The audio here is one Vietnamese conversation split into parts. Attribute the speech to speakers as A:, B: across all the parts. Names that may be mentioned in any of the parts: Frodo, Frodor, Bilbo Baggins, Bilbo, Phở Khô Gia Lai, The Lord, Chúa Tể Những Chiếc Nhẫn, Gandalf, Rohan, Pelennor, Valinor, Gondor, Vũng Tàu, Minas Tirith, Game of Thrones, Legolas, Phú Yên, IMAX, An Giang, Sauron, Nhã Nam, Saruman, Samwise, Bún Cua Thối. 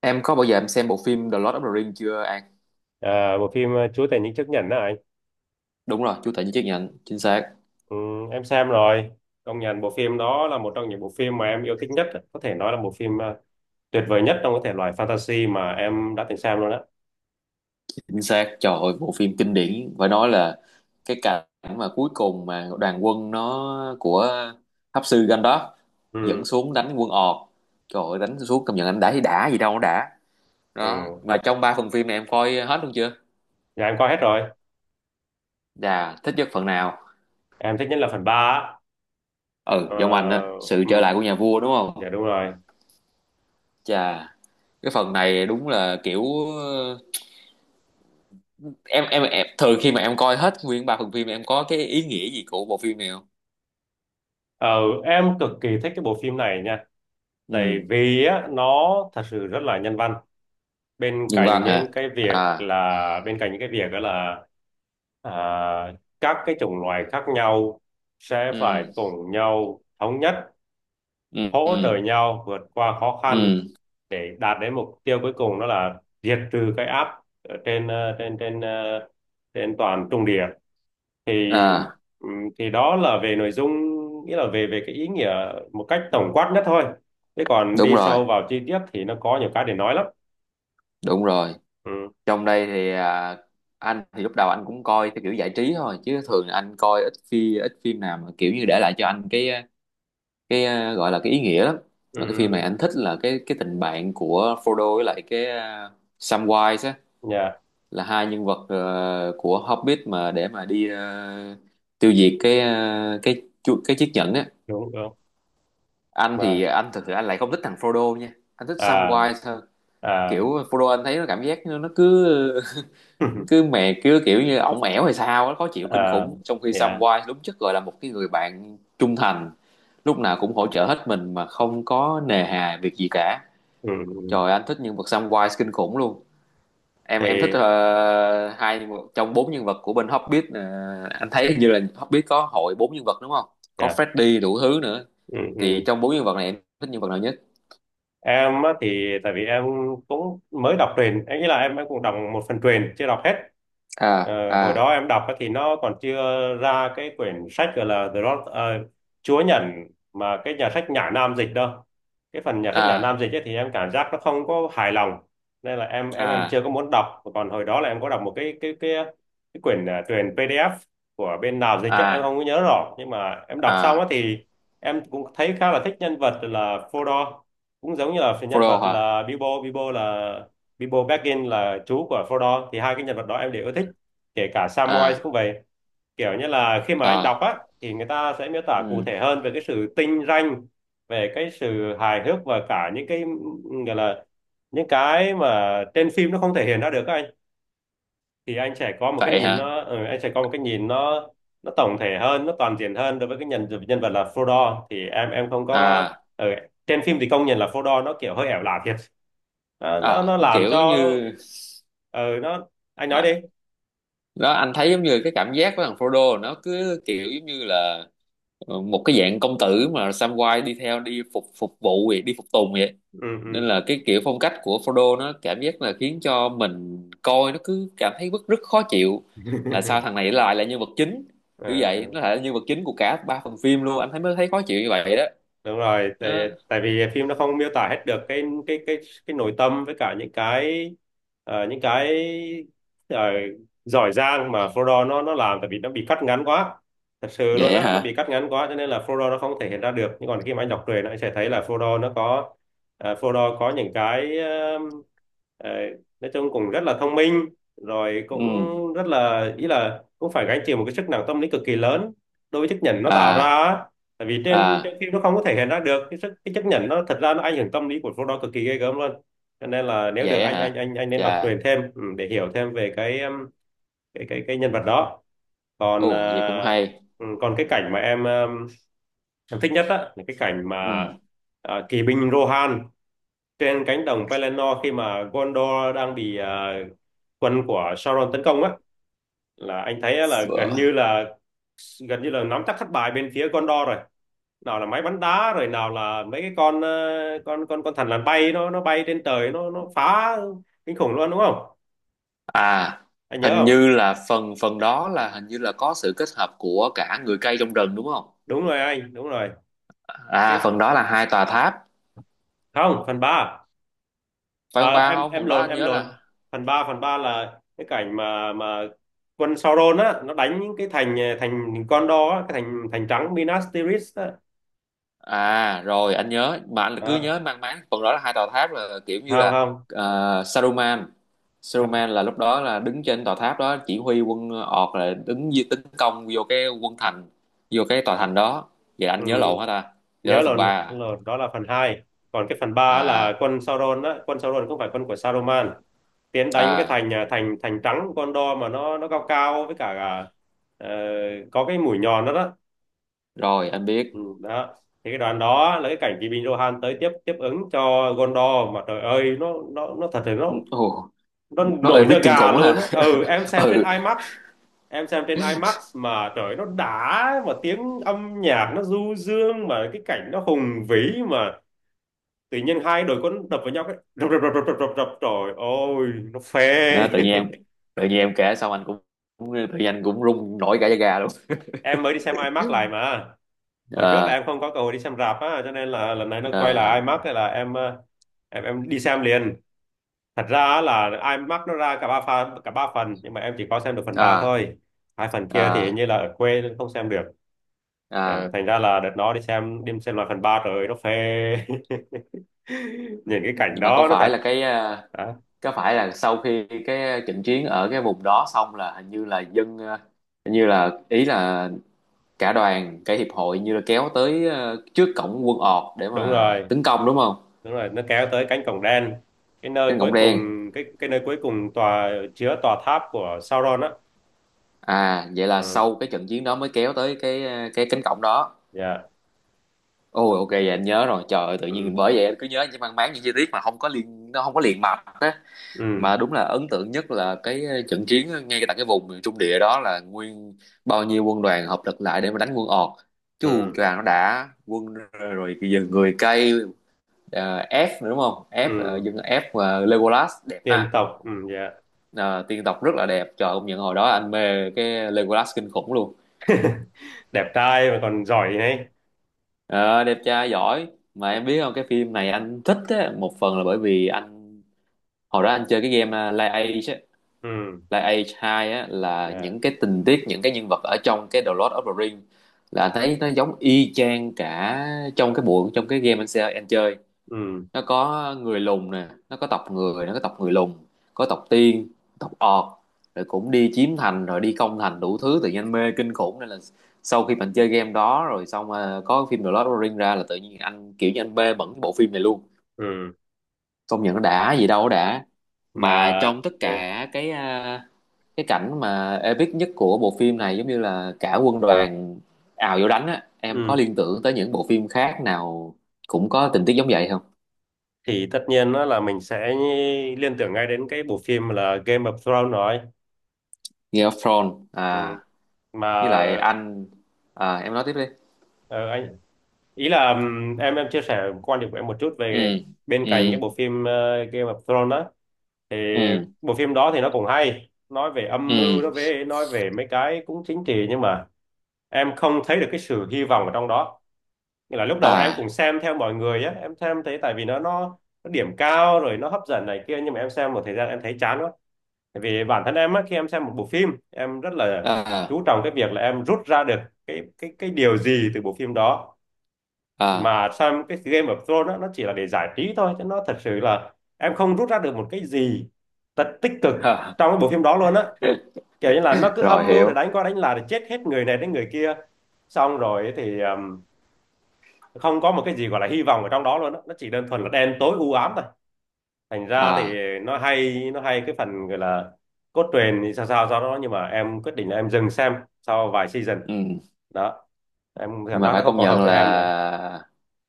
A: Em có bao giờ em xem bộ phim The Lord of the Rings chưa An?
B: À, bộ phim Chúa Tể Những Chiếc Nhẫn đó anh.
A: Đúng rồi, chú Tể với chiếc nhẫn, chính xác,
B: Ừ, em xem rồi. Công nhận bộ phim đó là một trong những bộ phim mà em yêu thích nhất, có thể nói là bộ phim tuyệt vời nhất trong cái thể loại fantasy mà em đã từng xem luôn á.
A: chính xác. Trời ơi, bộ phim kinh điển, phải nói là cái cảnh mà cuối cùng mà đoàn quân nó của Pháp sư Gandalf dẫn
B: Ừ,
A: xuống đánh quân ọt. Trời ơi, đánh xuống công nhận anh đã thì đã gì đâu nó đã.
B: ừ.
A: Đó, mà trong ba phần phim này em coi hết luôn chưa?
B: Dạ em coi hết rồi.
A: Dạ, thích nhất phần nào?
B: Em thích nhất là phần ba á.
A: Ừ,
B: Ờ,
A: giống anh á sự
B: ừ,
A: trở lại của nhà vua đúng
B: dạ
A: không?
B: đúng rồi.
A: Chà, cái phần này đúng là kiểu em thường khi mà em coi hết nguyên ba phần phim em có cái ý nghĩa gì của bộ phim này không?
B: Ờ, em cực kỳ thích cái bộ phim này nha. Tại
A: Ừ,
B: vì á, nó thật sự rất là nhân văn.
A: nhân văn hả? À,
B: Bên cạnh những cái việc đó là, à, các cái chủng loài khác nhau sẽ phải
A: ừ,
B: cùng nhau thống nhất,
A: ừ,
B: hỗ trợ
A: ừ,
B: nhau vượt qua khó khăn
A: ừ,
B: để đạt đến mục tiêu cuối cùng, đó là diệt trừ cái áp ở trên toàn Trung Địa. thì
A: à,
B: ừm, thì đó là về nội dung, nghĩa là về về cái ý nghĩa một cách tổng quát nhất thôi. Thế còn
A: đúng
B: đi
A: rồi,
B: sâu vào chi tiết thì nó có nhiều cái để nói lắm.
A: đúng rồi.
B: Ừ,
A: Trong đây thì à, anh thì lúc đầu anh cũng coi theo kiểu giải trí thôi chứ thường anh coi ít phim nào mà kiểu như để lại cho anh cái à, gọi là cái ý nghĩa lắm.
B: ừ,
A: Và cái phim này
B: ừ.
A: anh thích là cái tình bạn của Frodo với lại cái uh, Samwise á,
B: Dạ
A: là hai nhân vật của Hobbit mà để mà đi tiêu diệt cái cái cái chiếc nhẫn á.
B: đúng đúng
A: Anh thì
B: mà.
A: anh thực sự anh lại không thích thằng Frodo nha, anh thích
B: À,
A: Samwise hơn.
B: à.
A: Kiểu Frodo anh thấy nó cảm giác nó cứ cứ mè cứ kiểu như ổng ẻo hay sao á, khó chịu kinh
B: Ờ,
A: khủng, trong khi
B: dạ.
A: Samwise đúng chất gọi là một cái người bạn trung thành, lúc nào cũng hỗ trợ hết mình mà không có nề hà việc gì cả.
B: Ừ, ừ.
A: Trời, anh thích nhân vật Samwise kinh khủng luôn. Em thích
B: Thì
A: hai trong bốn nhân vật của bên Hobbit. Ờ, anh thấy hình như là Hobbit có hội bốn nhân vật đúng không, có
B: dạ.
A: Freddy đủ thứ nữa.
B: Ừ,
A: Thì
B: ừ.
A: trong bốn nhân vật này em thích nhân vật nào nhất?
B: Em á thì tại vì em cũng mới đọc truyền, em nghĩ là em cũng đọc một phần truyền chưa đọc hết.
A: À,
B: Ờ, hồi
A: à,
B: đó em đọc á thì nó còn chưa ra cái quyển sách gọi là The Lord, Chúa Nhẫn, mà cái nhà sách Nhã Nam dịch đâu. Cái phần nhà sách Nhã
A: à,
B: Nam dịch ấy thì em cảm giác nó không có hài lòng, nên là em
A: à,
B: chưa có muốn đọc. Còn hồi đó là em có đọc một cái quyển truyền PDF của bên nào dịch chứ em
A: à,
B: không có nhớ rõ, nhưng mà em đọc xong
A: à,
B: á thì em cũng thấy khá là thích nhân vật là Frodor, cũng giống như là phần nhân
A: Frodo
B: vật
A: hả?
B: là Bilbo Bilbo. Là Bilbo Baggins là chú của Frodo, thì hai cái nhân vật đó em đều yêu thích, kể cả Samwise
A: À,
B: cũng vậy. Kiểu như là khi mà anh đọc
A: à,
B: á thì người ta sẽ miêu tả cụ
A: ừ,
B: thể hơn về cái sự tinh ranh, về cái sự hài hước, và cả những cái gọi là những cái mà trên phim nó không thể hiện ra được á anh. Thì
A: vậy hả?
B: anh sẽ có một cái nhìn nó tổng thể hơn, nó toàn diện hơn. Đối với cái nhân nhân vật là Frodo thì em không có.
A: À,
B: Ừ, trên phim thì công nhận là Frodo nó kiểu hơi ẻo lả thiệt.
A: à,
B: Nó làm
A: kiểu
B: cho,
A: như
B: ừ, nó. Anh nói đi.
A: à, đó anh thấy giống như cái cảm giác của thằng Frodo nó cứ kiểu giống như là một cái dạng công tử mà Samwise đi theo đi phục phục vụ vậy, đi phục tùng vậy.
B: Ừ, ừ.
A: Nên là cái kiểu phong cách của Frodo nó cảm giác là khiến cho mình coi nó cứ cảm thấy rất rất khó chịu, là sao thằng này lại là nhân vật chính. Kiểu
B: Ờ.
A: vậy, nó lại là nhân vật chính của cả ba phần phim luôn, anh thấy mới thấy khó chịu như vậy đó.
B: Đúng rồi, tại
A: Đó.
B: tại vì phim nó không miêu tả hết được cái nội tâm, với cả những cái, những cái, ờ, giỏi giang mà Frodo nó làm, tại vì nó bị cắt ngắn quá, thật sự luôn
A: Vậy
B: á, nó
A: hả?
B: bị cắt ngắn quá cho nên là Frodo nó không thể hiện ra được. Nhưng còn khi mà anh đọc truyện anh sẽ thấy là Frodo nó có, Frodo có những cái, ờ, nói chung cũng rất là thông minh, rồi cũng
A: Ừ,
B: rất là, ý là cũng phải gánh chịu một cái sức nặng tâm lý cực kỳ lớn đối với chiếc nhẫn nó tạo ra
A: à,
B: á. Tại vì trên
A: à,
B: trên phim nó không có thể hiện ra được cái sức, cái chấp nhận nó, thật ra nó ảnh hưởng tâm lý của số đó cực kỳ ghê gớm luôn. Cho nên là nếu được
A: vậy
B: anh
A: hả?
B: nên đọc
A: Chà,
B: truyện thêm, để hiểu thêm về cái, cái nhân vật đó. Còn,
A: ồ vậy cũng hay.
B: còn cái cảnh mà em, em thích nhất á là cái cảnh mà,
A: Ừ,
B: kỵ binh Rohan trên cánh đồng Pelennor khi mà Gondor đang bị, quân của Sauron tấn công á, là anh thấy á là gần như là nắm chắc thất bại bên phía Gondor rồi. Nào là máy bắn đá, rồi nào là mấy cái con, con thằn lằn bay, nó bay trên trời, nó phá kinh khủng luôn, đúng không?
A: à,
B: Anh nhớ
A: hình
B: không?
A: như là phần phần đó là hình như là có sự kết hợp của cả người cây trong rừng đúng không?
B: Đúng rồi anh, đúng rồi. Cái,
A: À, phần đó là hai tòa tháp,
B: không, phần ba.
A: phải không?
B: Ờ,
A: Ba,
B: em
A: không,
B: em
A: phần đó
B: lộn,
A: anh
B: em
A: nhớ
B: lộn.
A: là...
B: Phần ba là cái cảnh mà quân Sauron á, nó đánh những cái thành thành, con đó, cái thành thành trắng Minas Tirith á.
A: À rồi, anh nhớ mà anh cứ
B: Đó.
A: nhớ mang máng phần đó là hai tòa tháp, là kiểu như
B: Không,
A: là
B: không,
A: Saruman.
B: không.
A: Saruman là lúc đó là đứng trên tòa tháp đó chỉ huy quân ọt, là đứng tấn công vô cái quân thành, vô cái tòa thành đó. Vậy anh
B: Ừ.
A: nhớ lộn hả ta? Vậy đó là
B: nhớ là
A: phần ba
B: nhớ
A: à?
B: là đó là phần hai. Còn cái phần ba
A: À,
B: là quân Sauron á, quân Sauron không phải quân của Saruman, tiến đánh cái
A: à,
B: thành, thành trắng của Gondor, mà nó cao cao với cả, ờ, có cái mũi nhọn đó đó.
A: rồi anh biết.
B: Ừ, đó. Thì cái đoạn đó là cái cảnh Kỳ Bình Rohan tới tiếp tiếp ứng cho Gondor, mà trời ơi nó, nó thật là nó,
A: Ồ, nó ơi
B: nổi
A: biết
B: da
A: kinh
B: gà
A: khủng
B: luôn
A: ha.
B: á. Ừ em xem trên
A: Ừ,
B: IMAX. Em xem trên IMAX mà trời nó đã, mà tiếng âm nhạc nó du dương, mà cái cảnh nó hùng vĩ, mà tự nhiên hai đội quân đập vào nhau, cái đập đập đập đập đập đập đập, trời ơi nó phê.
A: à, tự nhiên em... tự nhiên em kể xong anh cũng... cũng- tự nhiên anh cũng run nổi cả da gà luôn.
B: Em mới đi xem IMAX lại mà, hồi trước là
A: À,
B: em không có cơ hội đi xem rạp á, cho nên là lần này nó quay lại
A: à,
B: IMAX, thế là em đi xem liền. Thật ra á là IMAX nó ra cả ba phần, cả ba phần, nhưng mà em chỉ có xem được phần 3
A: à,
B: thôi. Hai phần kia thì hình
A: à,
B: như là ở quê nên không xem được. Ờ,
A: à.
B: thành ra là đợt nó đi xem, lại phần 3 rồi nó phê. Nhìn cái cảnh
A: Nhưng mà có
B: đó nó
A: phải
B: thật.
A: là cái
B: Đó,
A: có phải là sau khi cái trận chiến ở cái vùng đó xong là hình như là dân hình như là ý là cả đoàn cả hiệp hội như là kéo tới trước cổng quân ọt để
B: đúng
A: mà
B: rồi,
A: tấn công đúng không?
B: đúng rồi, nó kéo tới cánh cổng đen, cái nơi
A: Đến cổng
B: cuối cùng,
A: đen.
B: cái nơi cuối cùng, tòa chứa tòa tháp của Sauron á.
A: À vậy là
B: Ừ,
A: sau cái trận chiến đó mới kéo tới cái cái cánh cổng đó.
B: dạ.
A: Ôi ok, vậy anh nhớ rồi. Trời ơi, tự nhiên
B: Ừ,
A: bởi vậy anh cứ nhớ những mang máng những chi tiết mà không có liên nó không có liền mạch.
B: ừ,
A: Mà đúng là ấn tượng nhất là cái trận chiến ngay tại cái vùng miền Trung địa đó, là nguyên bao nhiêu quân đoàn hợp lực lại để mà đánh quân Ọt, chứ Hù
B: ừ,
A: choàng nó đã quân, rồi bây giờ người cây, à, F nữa đúng không? F, à,
B: ừ.
A: dân F và Legolas đẹp
B: Tiên
A: ha.
B: tộc. Ừ, dạ.
A: Ờ, tiên tộc rất là đẹp, trời công nhận hồi đó anh mê cái Legolas kinh khủng luôn.
B: Đẹp trai mà còn giỏi này.
A: Ờ, đẹp trai giỏi. Mà em biết không, cái phim này anh thích á, một phần là bởi vì anh hồi đó anh chơi cái game Lies
B: Ừ,
A: là Age 2 á, là
B: dạ.
A: những cái tình tiết những cái nhân vật ở trong cái The Lord of the Rings là anh thấy nó giống y chang cả trong cái bộ trong cái game anh sẽ anh chơi.
B: Ừ,
A: Nó có người lùn nè, nó có tộc người, nó có tộc người lùn, có tộc tiên, tộc ọt, rồi cũng đi chiếm thành rồi đi công thành đủ thứ, tự nhiên anh mê kinh khủng. Nên là sau khi mình chơi game đó rồi xong mà có phim The Lord of the Rings ra là tự nhiên anh kiểu như anh mê bẩn cái bộ phim này luôn.
B: ừ.
A: Công nhận nó đã gì đâu nó đã. Mà
B: Mà.
A: trong tất
B: Ừ,
A: cả cái à, cái cảnh mà epic nhất của bộ phim này giống như là cả quân đoàn ào vô đánh á, em có
B: ừ.
A: liên tưởng tới những bộ phim khác nào cũng có tình tiết giống vậy không?
B: Thì tất nhiên đó là mình sẽ liên tưởng ngay đến cái bộ phim là Game of Thrones rồi.
A: Game of Thrones
B: Ừ.
A: à? Với
B: Mà
A: lại anh... à em nói tiếp đi.
B: ờ, anh, ý là, em chia sẻ quan điểm của em một chút
A: Ừ,
B: về bên cạnh cái
A: ừ,
B: bộ phim Game of Thrones đó, thì
A: ừ,
B: bộ phim đó thì nó cũng hay nói về âm
A: ừ,
B: mưu, nó về nói về mấy cái cũng chính trị, nhưng mà em không thấy được cái sự hy vọng ở trong đó. Nghĩa là lúc đầu em cũng
A: à,
B: xem theo mọi người á, em xem thấy, tại vì nó điểm cao rồi nó hấp dẫn này kia, nhưng mà em xem một thời gian em thấy chán quá. Tại vì bản thân em á, khi em xem một bộ phim em rất là
A: à,
B: chú trọng cái việc là em rút ra được cái điều gì từ bộ phim đó.
A: à.
B: Mà xem cái Game of Thrones á, nó chỉ là để giải trí thôi chứ nó thật sự là em không rút ra được một cái gì thật tích cực trong cái bộ phim đó luôn á. Kiểu như là nó cứ
A: Rồi
B: âm mưu
A: hiểu.
B: để đánh qua đánh lại, để chết hết người này đến người kia, xong rồi thì, không có một cái gì gọi là hy vọng ở trong đó luôn á, nó chỉ đơn thuần là đen tối u ám thôi. Thành ra thì
A: À,
B: nó hay cái phần gọi là cốt truyện thì sao sao do đó, nhưng mà em quyết định là em dừng xem sau vài season.
A: ừ.
B: Đó, em
A: Nhưng
B: cảm
A: mà
B: giác
A: phải
B: nó không
A: công
B: còn hợp
A: nhận
B: với em nữa.
A: là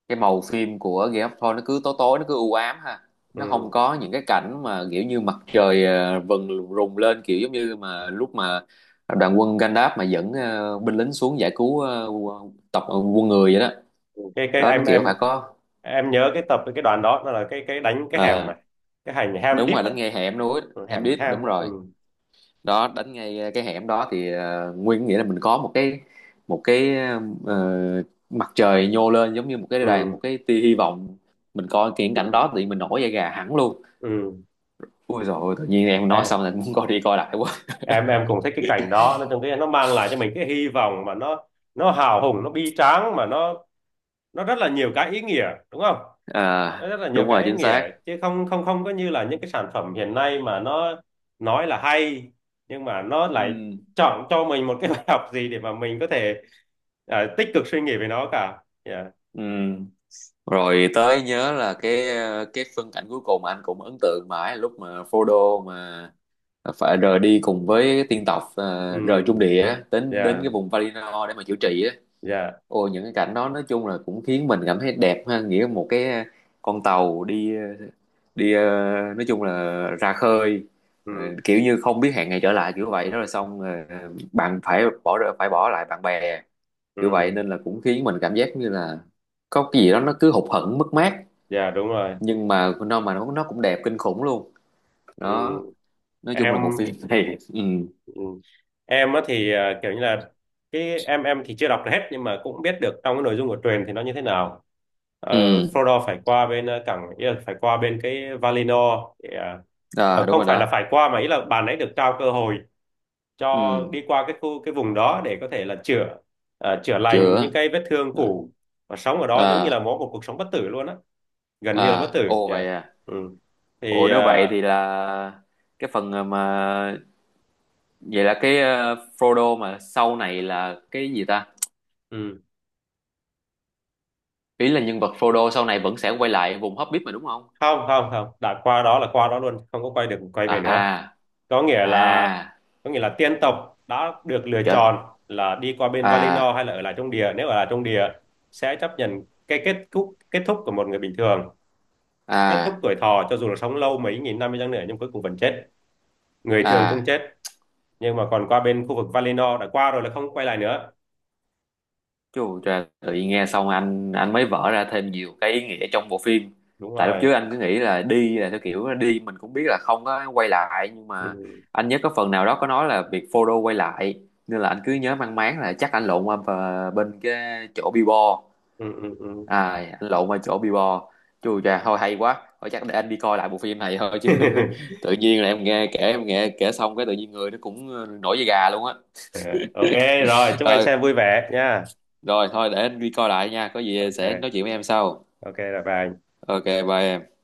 A: cái màu phim của Game of Thrones nó cứ tối tối nó cứ u ám ha, nó không
B: Ừ.
A: có những cái cảnh mà kiểu như mặt trời vần rùng lên kiểu giống như mà lúc mà đoàn quân Gandalf mà dẫn binh lính xuống giải cứu tộc quân người vậy đó.
B: Cái
A: Đó nó kiểu phải có
B: em nhớ cái tập, cái đoạn đó nó là cái, đánh cái hẻm
A: ờ,
B: mà, cái hành ham
A: đúng
B: deep
A: rồi,
B: á.
A: đánh ngay hẻm núi,
B: Ừ,
A: hẻm
B: hẻm
A: đít đúng
B: ham á. Ừ,
A: rồi. Đó đánh ngay cái hẻm đó thì nguyên nghĩa là mình có một cái ờ, mặt trời nhô lên giống như một cái đàn, một
B: ừ,
A: cái tia hy vọng. Mình coi cái cảnh đó thì mình nổi da gà hẳn luôn.
B: ừ.
A: Ui dồi ôi, tự nhiên em nói
B: em
A: xong là muốn coi đi coi lại quá.
B: em cũng thích cái cảnh đó. Nói chung cái nó mang lại cho mình cái hy vọng, mà nó, hào hùng, nó bi tráng, mà nó rất là nhiều cái ý nghĩa đúng không?
A: À,
B: Nó rất là nhiều
A: đúng rồi,
B: cái ý
A: chính
B: nghĩa,
A: xác.
B: chứ không không không có như là những cái sản phẩm hiện nay mà nó nói là hay, nhưng mà nó lại
A: Ừ.
B: chọn cho mình một cái bài học gì để mà mình có thể, tích cực suy nghĩ về nó cả. Dạ.
A: Ừ. Rồi tới nhớ là cái cái phân cảnh cuối cùng mà anh cũng ấn tượng mãi lúc mà Frodo mà phải rời đi cùng với tiên tộc rời Trung
B: Ừ,
A: Địa á, đến đến cái
B: dạ.
A: vùng Valinor để mà chữa trị á.
B: Dạ,
A: Ôi những cái cảnh đó nói chung là cũng khiến mình cảm thấy đẹp ha, nghĩa một cái con tàu đi đi nói chung là ra khơi,
B: ừ,
A: kiểu như không biết hẹn ngày trở lại kiểu vậy đó, là xong bạn phải phải bỏ lại bạn bè kiểu vậy,
B: ừ.
A: nên là cũng khiến mình cảm giác như là có cái gì đó nó cứ hụt hẫng mất mát,
B: Dạ đúng rồi.
A: nhưng mà nó mà nó cũng đẹp kinh khủng luôn.
B: Ừ.
A: Đó, nói chung là bộ phim
B: Em.
A: này... Ừ,
B: Ừ. Em á thì kiểu như là, cái em thì chưa đọc hết, nhưng mà cũng biết được trong cái nội dung của truyền thì nó như thế nào. Ờ,
A: ừ,
B: Frodo phải qua bên cảng, ý là phải qua bên cái Valinor để,
A: à, đúng
B: không
A: rồi
B: phải là
A: đó.
B: phải qua, mà ý là bạn ấy được trao cơ hội cho
A: Ừ,
B: đi qua cái khu, cái vùng đó để có thể là chữa, chữa lành
A: chưa,
B: những cái vết thương cũ, và sống ở đó giống như là
A: à,
B: mỗi một cuộc sống bất tử luôn á, gần như là bất
A: à,
B: tử
A: ồ
B: nha.
A: vậy à.
B: Ừ.
A: Ồ
B: Thì
A: nếu vậy thì là cái phần mà vậy là cái Frodo mà sau này là cái gì ta?
B: ừ.
A: Ý là nhân vật Frodo sau này vẫn sẽ quay lại vùng Hobbit mà đúng không?
B: Không, không, không, đã qua đó là qua đó luôn, không có quay được quay về nữa.
A: À,
B: có
A: à,
B: nghĩa là
A: à,
B: có nghĩa là tiên tộc đã được lựa
A: trời,
B: chọn là đi qua bên Valinor
A: à,
B: hay là ở lại trong địa. Nếu ở lại trong địa sẽ chấp nhận cái kết thúc của một người bình thường, kết thúc
A: à,
B: tuổi thọ, cho dù là sống lâu mấy nghìn năm đi chăng nữa nhưng cuối cùng vẫn chết, người thường cũng
A: à.
B: chết. Nhưng mà còn qua bên khu vực Valinor, đã qua rồi là không quay lại nữa.
A: Chú trời, tự nhiên nghe xong anh mới vỡ ra thêm nhiều cái ý nghĩa trong bộ phim.
B: Đúng
A: Tại lúc
B: rồi.
A: trước anh cứ nghĩ là đi là theo kiểu đi mình cũng biết là không có quay lại, nhưng
B: Ừ,
A: mà anh nhớ có phần nào đó có nói là việc Frodo quay lại, nên là anh cứ nhớ mang máng là chắc anh lộn qua bên cái chỗ Bilbo.
B: ừ, ừ, ừ.
A: À, anh lộn qua chỗ Bilbo. Chú trời thôi hay quá. Thôi chắc để anh đi coi lại bộ phim này thôi chứ, tự nhiên là em nghe kể xong cái tự nhiên người nó cũng nổi da gà luôn á.
B: OK, rồi chúc anh
A: Ờ,
B: xem vui vẻ nha.
A: rồi thôi để anh đi coi lại nha, có gì sẽ nói
B: OK.
A: chuyện với em sau.
B: OK là bye.
A: Ok bye em.